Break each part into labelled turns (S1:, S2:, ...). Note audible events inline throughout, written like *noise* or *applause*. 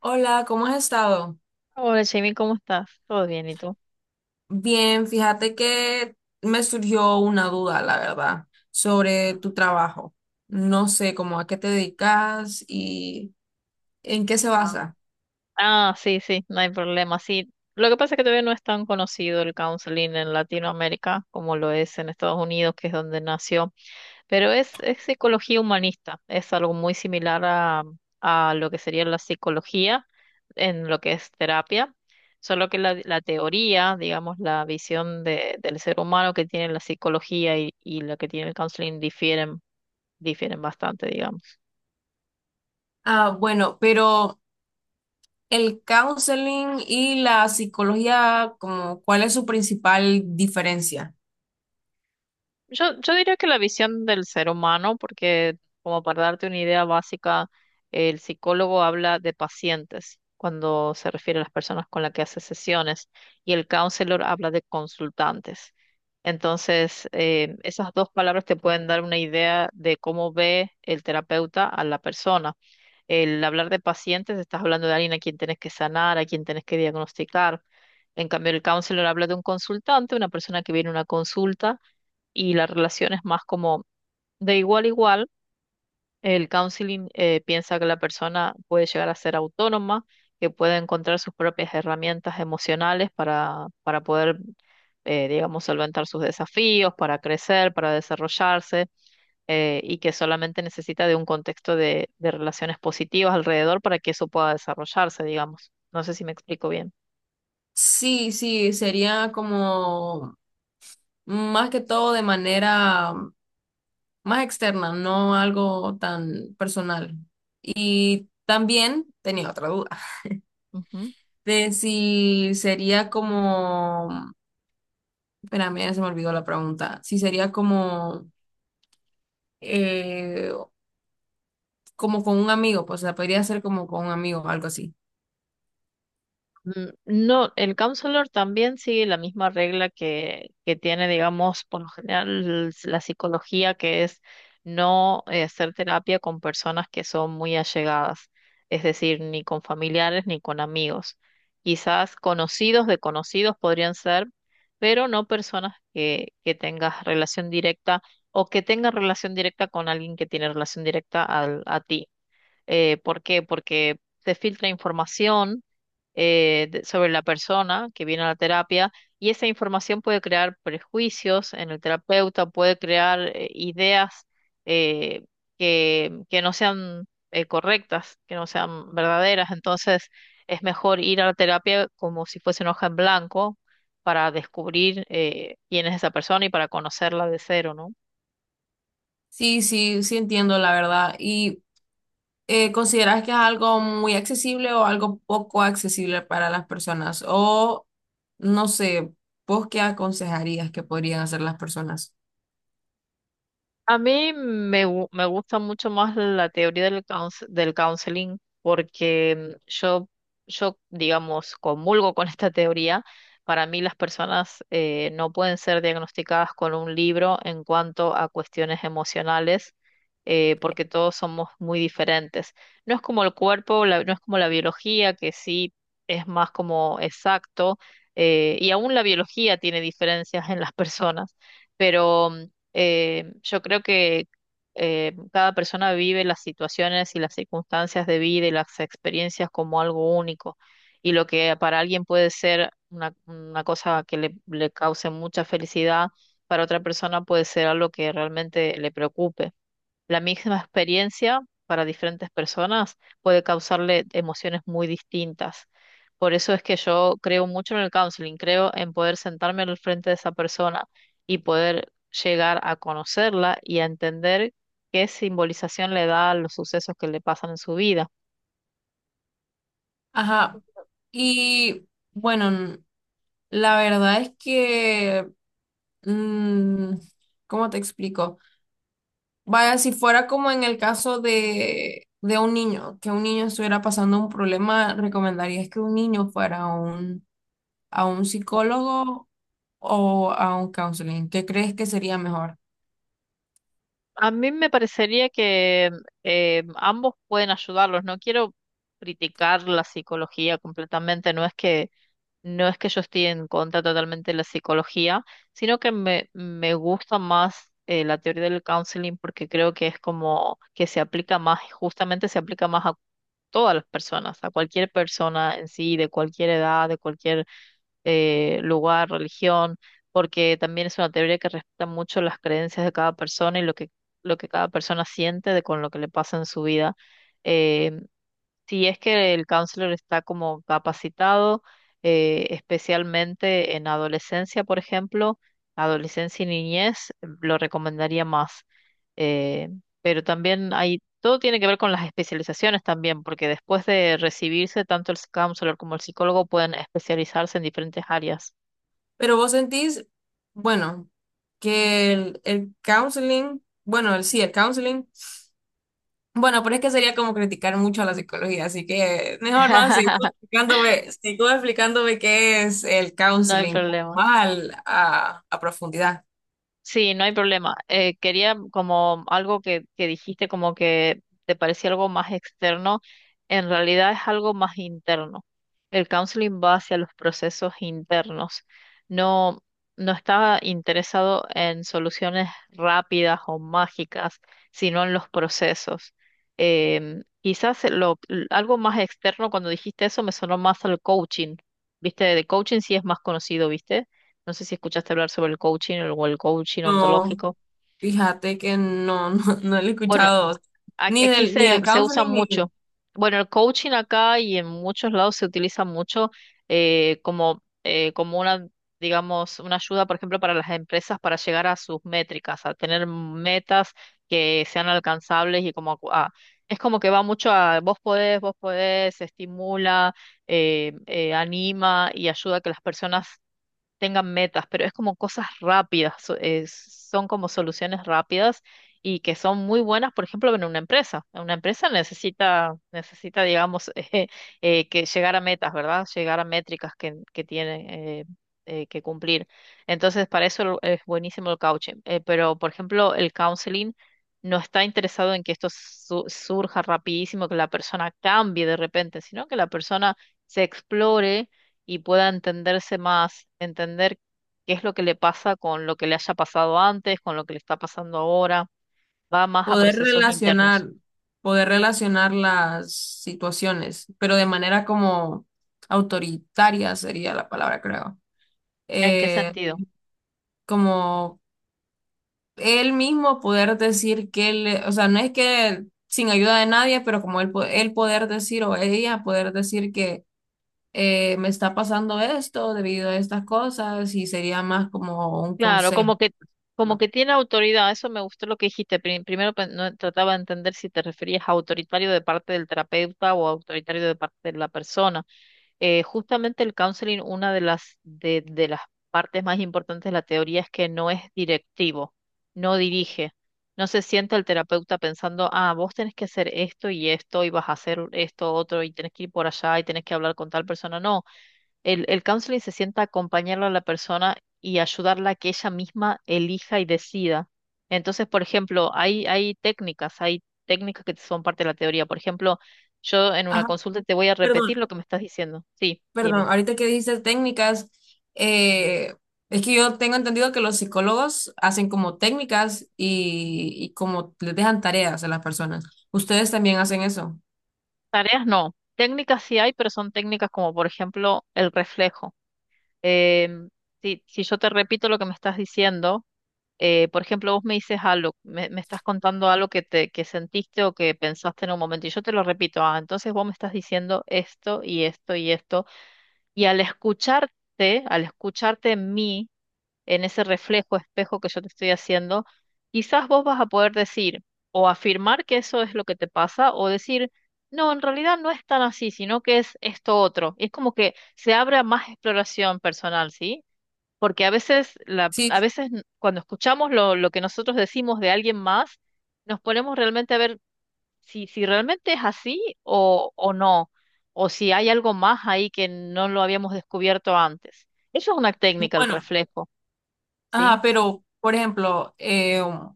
S1: Hola, ¿cómo has estado?
S2: Hola, Jamie, ¿cómo estás? ¿Todo bien? ¿Y tú?
S1: Bien, fíjate que me surgió una duda, la verdad, sobre tu trabajo. No sé cómo a qué te dedicas y en qué se
S2: Ah.
S1: basa.
S2: Ah, sí, sí, no hay problema. Sí, lo que pasa es que todavía no es tan conocido el counseling en Latinoamérica como lo es en Estados Unidos, que es donde nació, pero es psicología humanista, es algo muy similar a lo que sería la psicología en lo que es terapia, solo que la teoría, digamos, la visión de, del ser humano que tiene la psicología y lo que tiene el counseling difieren, difieren bastante, digamos.
S1: Ah, bueno, pero el counseling y la psicología, como, ¿cuál es su principal diferencia?
S2: Yo diría que la visión del ser humano, porque como para darte una idea básica, el psicólogo habla de pacientes cuando se refiere a las personas con las que hace sesiones y el counselor habla de consultantes. Entonces, esas dos palabras te pueden dar una idea de cómo ve el terapeuta a la persona. El hablar de pacientes, estás hablando de alguien a quien tenés que sanar, a quien tenés que diagnosticar. En cambio, el counselor habla de un consultante, una persona que viene a una consulta y la relación es más como de igual a igual. El counseling piensa que la persona puede llegar a ser autónoma, que puede encontrar sus propias herramientas emocionales para poder, digamos, solventar sus desafíos, para crecer, para desarrollarse, y que solamente necesita de un contexto de relaciones positivas alrededor para que eso pueda desarrollarse, digamos. No sé si me explico bien.
S1: Sí, sí, sería como más que todo de manera más externa, no algo tan personal. Y también tenía otra duda
S2: Ujú.
S1: de si sería como, espérame, ya se me olvidó la pregunta, si sería como, eh, como con un amigo, pues o sea, podría ser como con un amigo, algo así.
S2: Mm, no, el counselor también sigue la misma regla que tiene, digamos, por lo general la psicología, que es no hacer terapia con personas que son muy allegadas, es decir, ni con familiares ni con amigos. Quizás conocidos de conocidos podrían ser, pero no personas que tengas relación directa o que tengas relación directa con alguien que tiene relación directa a ti. ¿Por qué? Porque se filtra información sobre la persona que viene a la terapia y esa información puede crear prejuicios en el terapeuta, puede crear ideas eh, que no sean correctas, que no sean verdaderas. Entonces es mejor ir a la terapia como si fuese una hoja en blanco para descubrir quién es esa persona y para conocerla de cero, ¿no?
S1: Sí, sí, sí entiendo la verdad. ¿Y consideras que es algo muy accesible o algo poco accesible para las personas? O no sé, ¿vos qué aconsejarías que podrían hacer las personas?
S2: A mí me gusta mucho más la teoría del counseling porque yo, digamos, comulgo con esta teoría. Para mí las personas no pueden ser diagnosticadas con un libro en cuanto a cuestiones emocionales porque todos somos muy diferentes. No es como el cuerpo, no es como la biología, que sí es más como exacto y aún la biología tiene diferencias en las personas. Pero yo creo que cada persona vive las situaciones y las circunstancias de vida y las experiencias como algo único. Y lo que para alguien puede ser una cosa que le cause mucha felicidad, para otra persona puede ser algo que realmente le preocupe. La misma experiencia para diferentes personas puede causarle emociones muy distintas. Por eso es que yo creo mucho en el counseling, creo en poder sentarme al frente de esa persona y poder llegar a conocerla y a entender qué simbolización le da a los sucesos que le pasan en su vida.
S1: Ajá. Y bueno, la verdad es que, mm, ¿cómo te explico? Vaya, si fuera como en el caso de un niño, que un niño estuviera pasando un problema, ¿recomendarías que un niño fuera a un psicólogo o a un counseling? ¿Qué crees que sería mejor?
S2: A mí me parecería que ambos pueden ayudarlos. No quiero criticar la psicología completamente, no es que No es que yo esté en contra totalmente de la psicología, sino que me gusta más la teoría del counseling porque creo que es como que se aplica más, justamente se aplica más a todas las personas, a cualquier persona en sí, de cualquier edad, de cualquier lugar, religión, porque también es una teoría que respeta mucho las creencias de cada persona y lo que cada persona siente de con lo que le pasa en su vida. eh, si es que el counselor está como capacitado, especialmente en adolescencia, por ejemplo, adolescencia y niñez, lo recomendaría más. Eh, pero también hay, todo tiene que ver con las especializaciones también, porque después de recibirse, tanto el counselor como el psicólogo pueden especializarse en diferentes áreas.
S1: Pero vos sentís, bueno, que el counseling, bueno, el, sí, el counseling. Bueno, pero es que sería como criticar mucho a la psicología, así que mejor no,
S2: *laughs*
S1: sigo explicándome qué es el
S2: No hay
S1: counseling como
S2: problema.
S1: mal a profundidad.
S2: Sí, no hay problema. Quería como algo que dijiste como que te parecía algo más externo, en realidad es algo más interno. El counseling va hacia los procesos internos. No, no está interesado en soluciones rápidas o mágicas, sino en los procesos. Quizás lo, algo más externo, cuando dijiste eso, me sonó más al coaching. ¿Viste? De coaching sí es más conocido, ¿viste? No sé si escuchaste hablar sobre el coaching o el coaching
S1: No,
S2: ontológico.
S1: fíjate que no, *laughs* no, no lo he
S2: Bueno,
S1: escuchado ni
S2: aquí
S1: del, ni del
S2: se usa
S1: counseling ni del
S2: mucho. Bueno, el coaching acá y en muchos lados se utiliza mucho como una, digamos, una ayuda, por ejemplo, para las empresas para llegar a sus métricas, a tener metas que sean alcanzables y como es como que va mucho a vos podés, estimula, anima y ayuda a que las personas tengan metas, pero es como cosas rápidas, son como soluciones rápidas y que son muy buenas, por ejemplo, en una empresa. Una empresa necesita, digamos, *laughs* que llegar a metas, ¿verdad? Llegar a métricas que tiene que cumplir. Entonces, para eso es buenísimo el coaching. Pero, por ejemplo, el counseling no está interesado en que esto surja rapidísimo, que la persona cambie de repente, sino que la persona se explore y pueda entenderse más, entender qué es lo que le pasa con lo que le haya pasado antes, con lo que le está pasando ahora, va más a
S1: poder
S2: procesos internos.
S1: relacionar, poder
S2: Ujú.
S1: relacionar las situaciones, pero de manera como autoritaria sería la palabra, creo.
S2: ¿En qué
S1: Eh,
S2: sentido?
S1: como él mismo poder decir que él, o sea, no es que sin ayuda de nadie, pero como él, él poder decir o ella poder decir que me está pasando esto debido a estas cosas y sería más como un
S2: Claro,
S1: consejo,
S2: como
S1: ¿no?
S2: que tiene autoridad, eso me gustó lo que dijiste. Primero no, trataba de entender si te referías a autoritario de parte del terapeuta o autoritario de parte de la persona. Justamente el counseling, una de de las partes más importantes de la teoría es que no es directivo, no dirige. No se sienta el terapeuta pensando, ah, vos tenés que hacer esto y esto, y vas a hacer esto otro, y tenés que ir por allá, y tenés que hablar con tal persona. No, el counseling se sienta a acompañarlo a la persona y ayudarla a que ella misma elija y decida. Entonces, por ejemplo, hay técnicas que son parte de la teoría. Por ejemplo, yo en una
S1: Ajá,
S2: consulta te voy a repetir
S1: perdón,
S2: lo que me estás diciendo. Sí, dime.
S1: perdón, ahorita que dijiste técnicas, eh, es que yo tengo entendido que los psicólogos hacen como técnicas y como les dejan tareas a las personas. ¿Ustedes también hacen eso?
S2: Tareas no. Técnicas sí hay, pero son técnicas como, por ejemplo, el reflejo. Em, si, si yo te repito lo que me estás diciendo, por ejemplo, vos me dices algo, me estás contando algo que te, que sentiste o que pensaste en un momento, y yo te lo repito, ah, entonces vos me estás diciendo esto y esto y esto, y al escucharte en mí, en ese reflejo, espejo que yo te estoy haciendo, quizás vos vas a poder decir o afirmar que eso es lo que te pasa o decir, no, en realidad no es tan así, sino que es esto otro. Y es como que se abra más exploración personal, ¿sí? Porque a veces,
S1: Sí,
S2: a veces cuando escuchamos lo que nosotros decimos de alguien más, nos ponemos realmente a ver si, si realmente es así o no, o si hay algo más ahí que no lo habíamos descubierto antes. Eso es una técnica, el
S1: bueno.
S2: reflejo,
S1: Ah,
S2: ¿sí?
S1: pero, por ejemplo,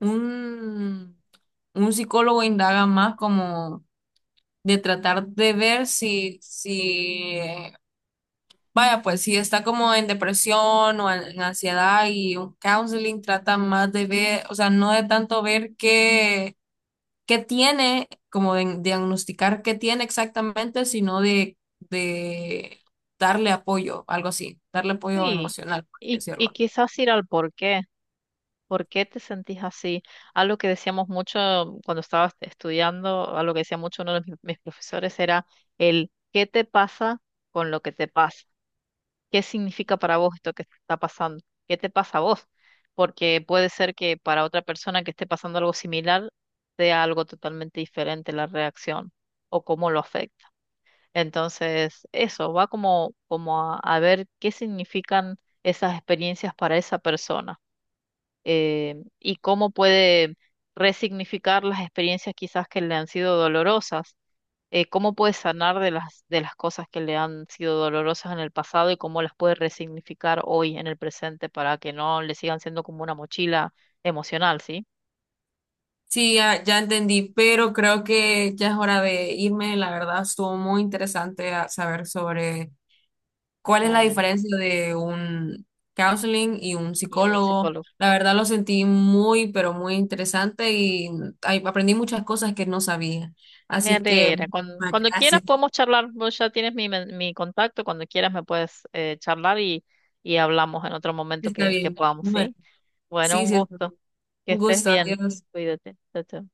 S1: un, un psicólogo indaga más como de tratar de ver si, si, vaya, pues si está como en depresión o en ansiedad y un counseling trata más de ver, o sea, no de tanto ver qué, qué tiene, como de diagnosticar qué tiene exactamente, sino de darle apoyo, algo así, darle apoyo
S2: Sí.
S1: emocional, por así
S2: Y
S1: decirlo.
S2: quizás ir al por qué. ¿Por qué te sentís así? Algo que decíamos mucho cuando estabas estudiando, algo que decía mucho uno de mis profesores era el ¿qué te pasa con lo que te pasa? ¿Qué significa para vos esto que está pasando? ¿Qué te pasa a vos? Porque puede ser que para otra persona que esté pasando algo similar sea algo totalmente diferente la reacción o cómo lo afecta. Entonces, eso va como a ver qué significan esas experiencias para esa persona y cómo puede resignificar las experiencias quizás que le han sido dolorosas cómo puede sanar de las cosas que le han sido dolorosas en el pasado y cómo las puede resignificar hoy en el presente para que no le sigan siendo como una mochila emocional, ¿sí?
S1: Sí, ya, ya entendí, pero creo que ya es hora de irme. La verdad, estuvo muy interesante saber sobre cuál es la
S2: Bueno,
S1: diferencia de un counseling y un
S2: y un
S1: psicólogo.
S2: psicólogo.
S1: La verdad, lo sentí muy, pero muy interesante y mm, ay, aprendí muchas cosas que no sabía.
S2: Me
S1: Así que,
S2: alegra. Cuando,
S1: ah,
S2: cuando quieras
S1: gracias.
S2: podemos charlar, vos ya tienes mi contacto, cuando quieras me puedes charlar y hablamos en otro momento
S1: Está
S2: que
S1: bien.
S2: podamos,
S1: Bueno,
S2: ¿sí? Bueno,
S1: sí,
S2: un
S1: sí, está
S2: gusto.
S1: bien.
S2: Que
S1: Un
S2: estés
S1: gusto.
S2: bien.
S1: Adiós.
S2: Cuídate. Chao, chao.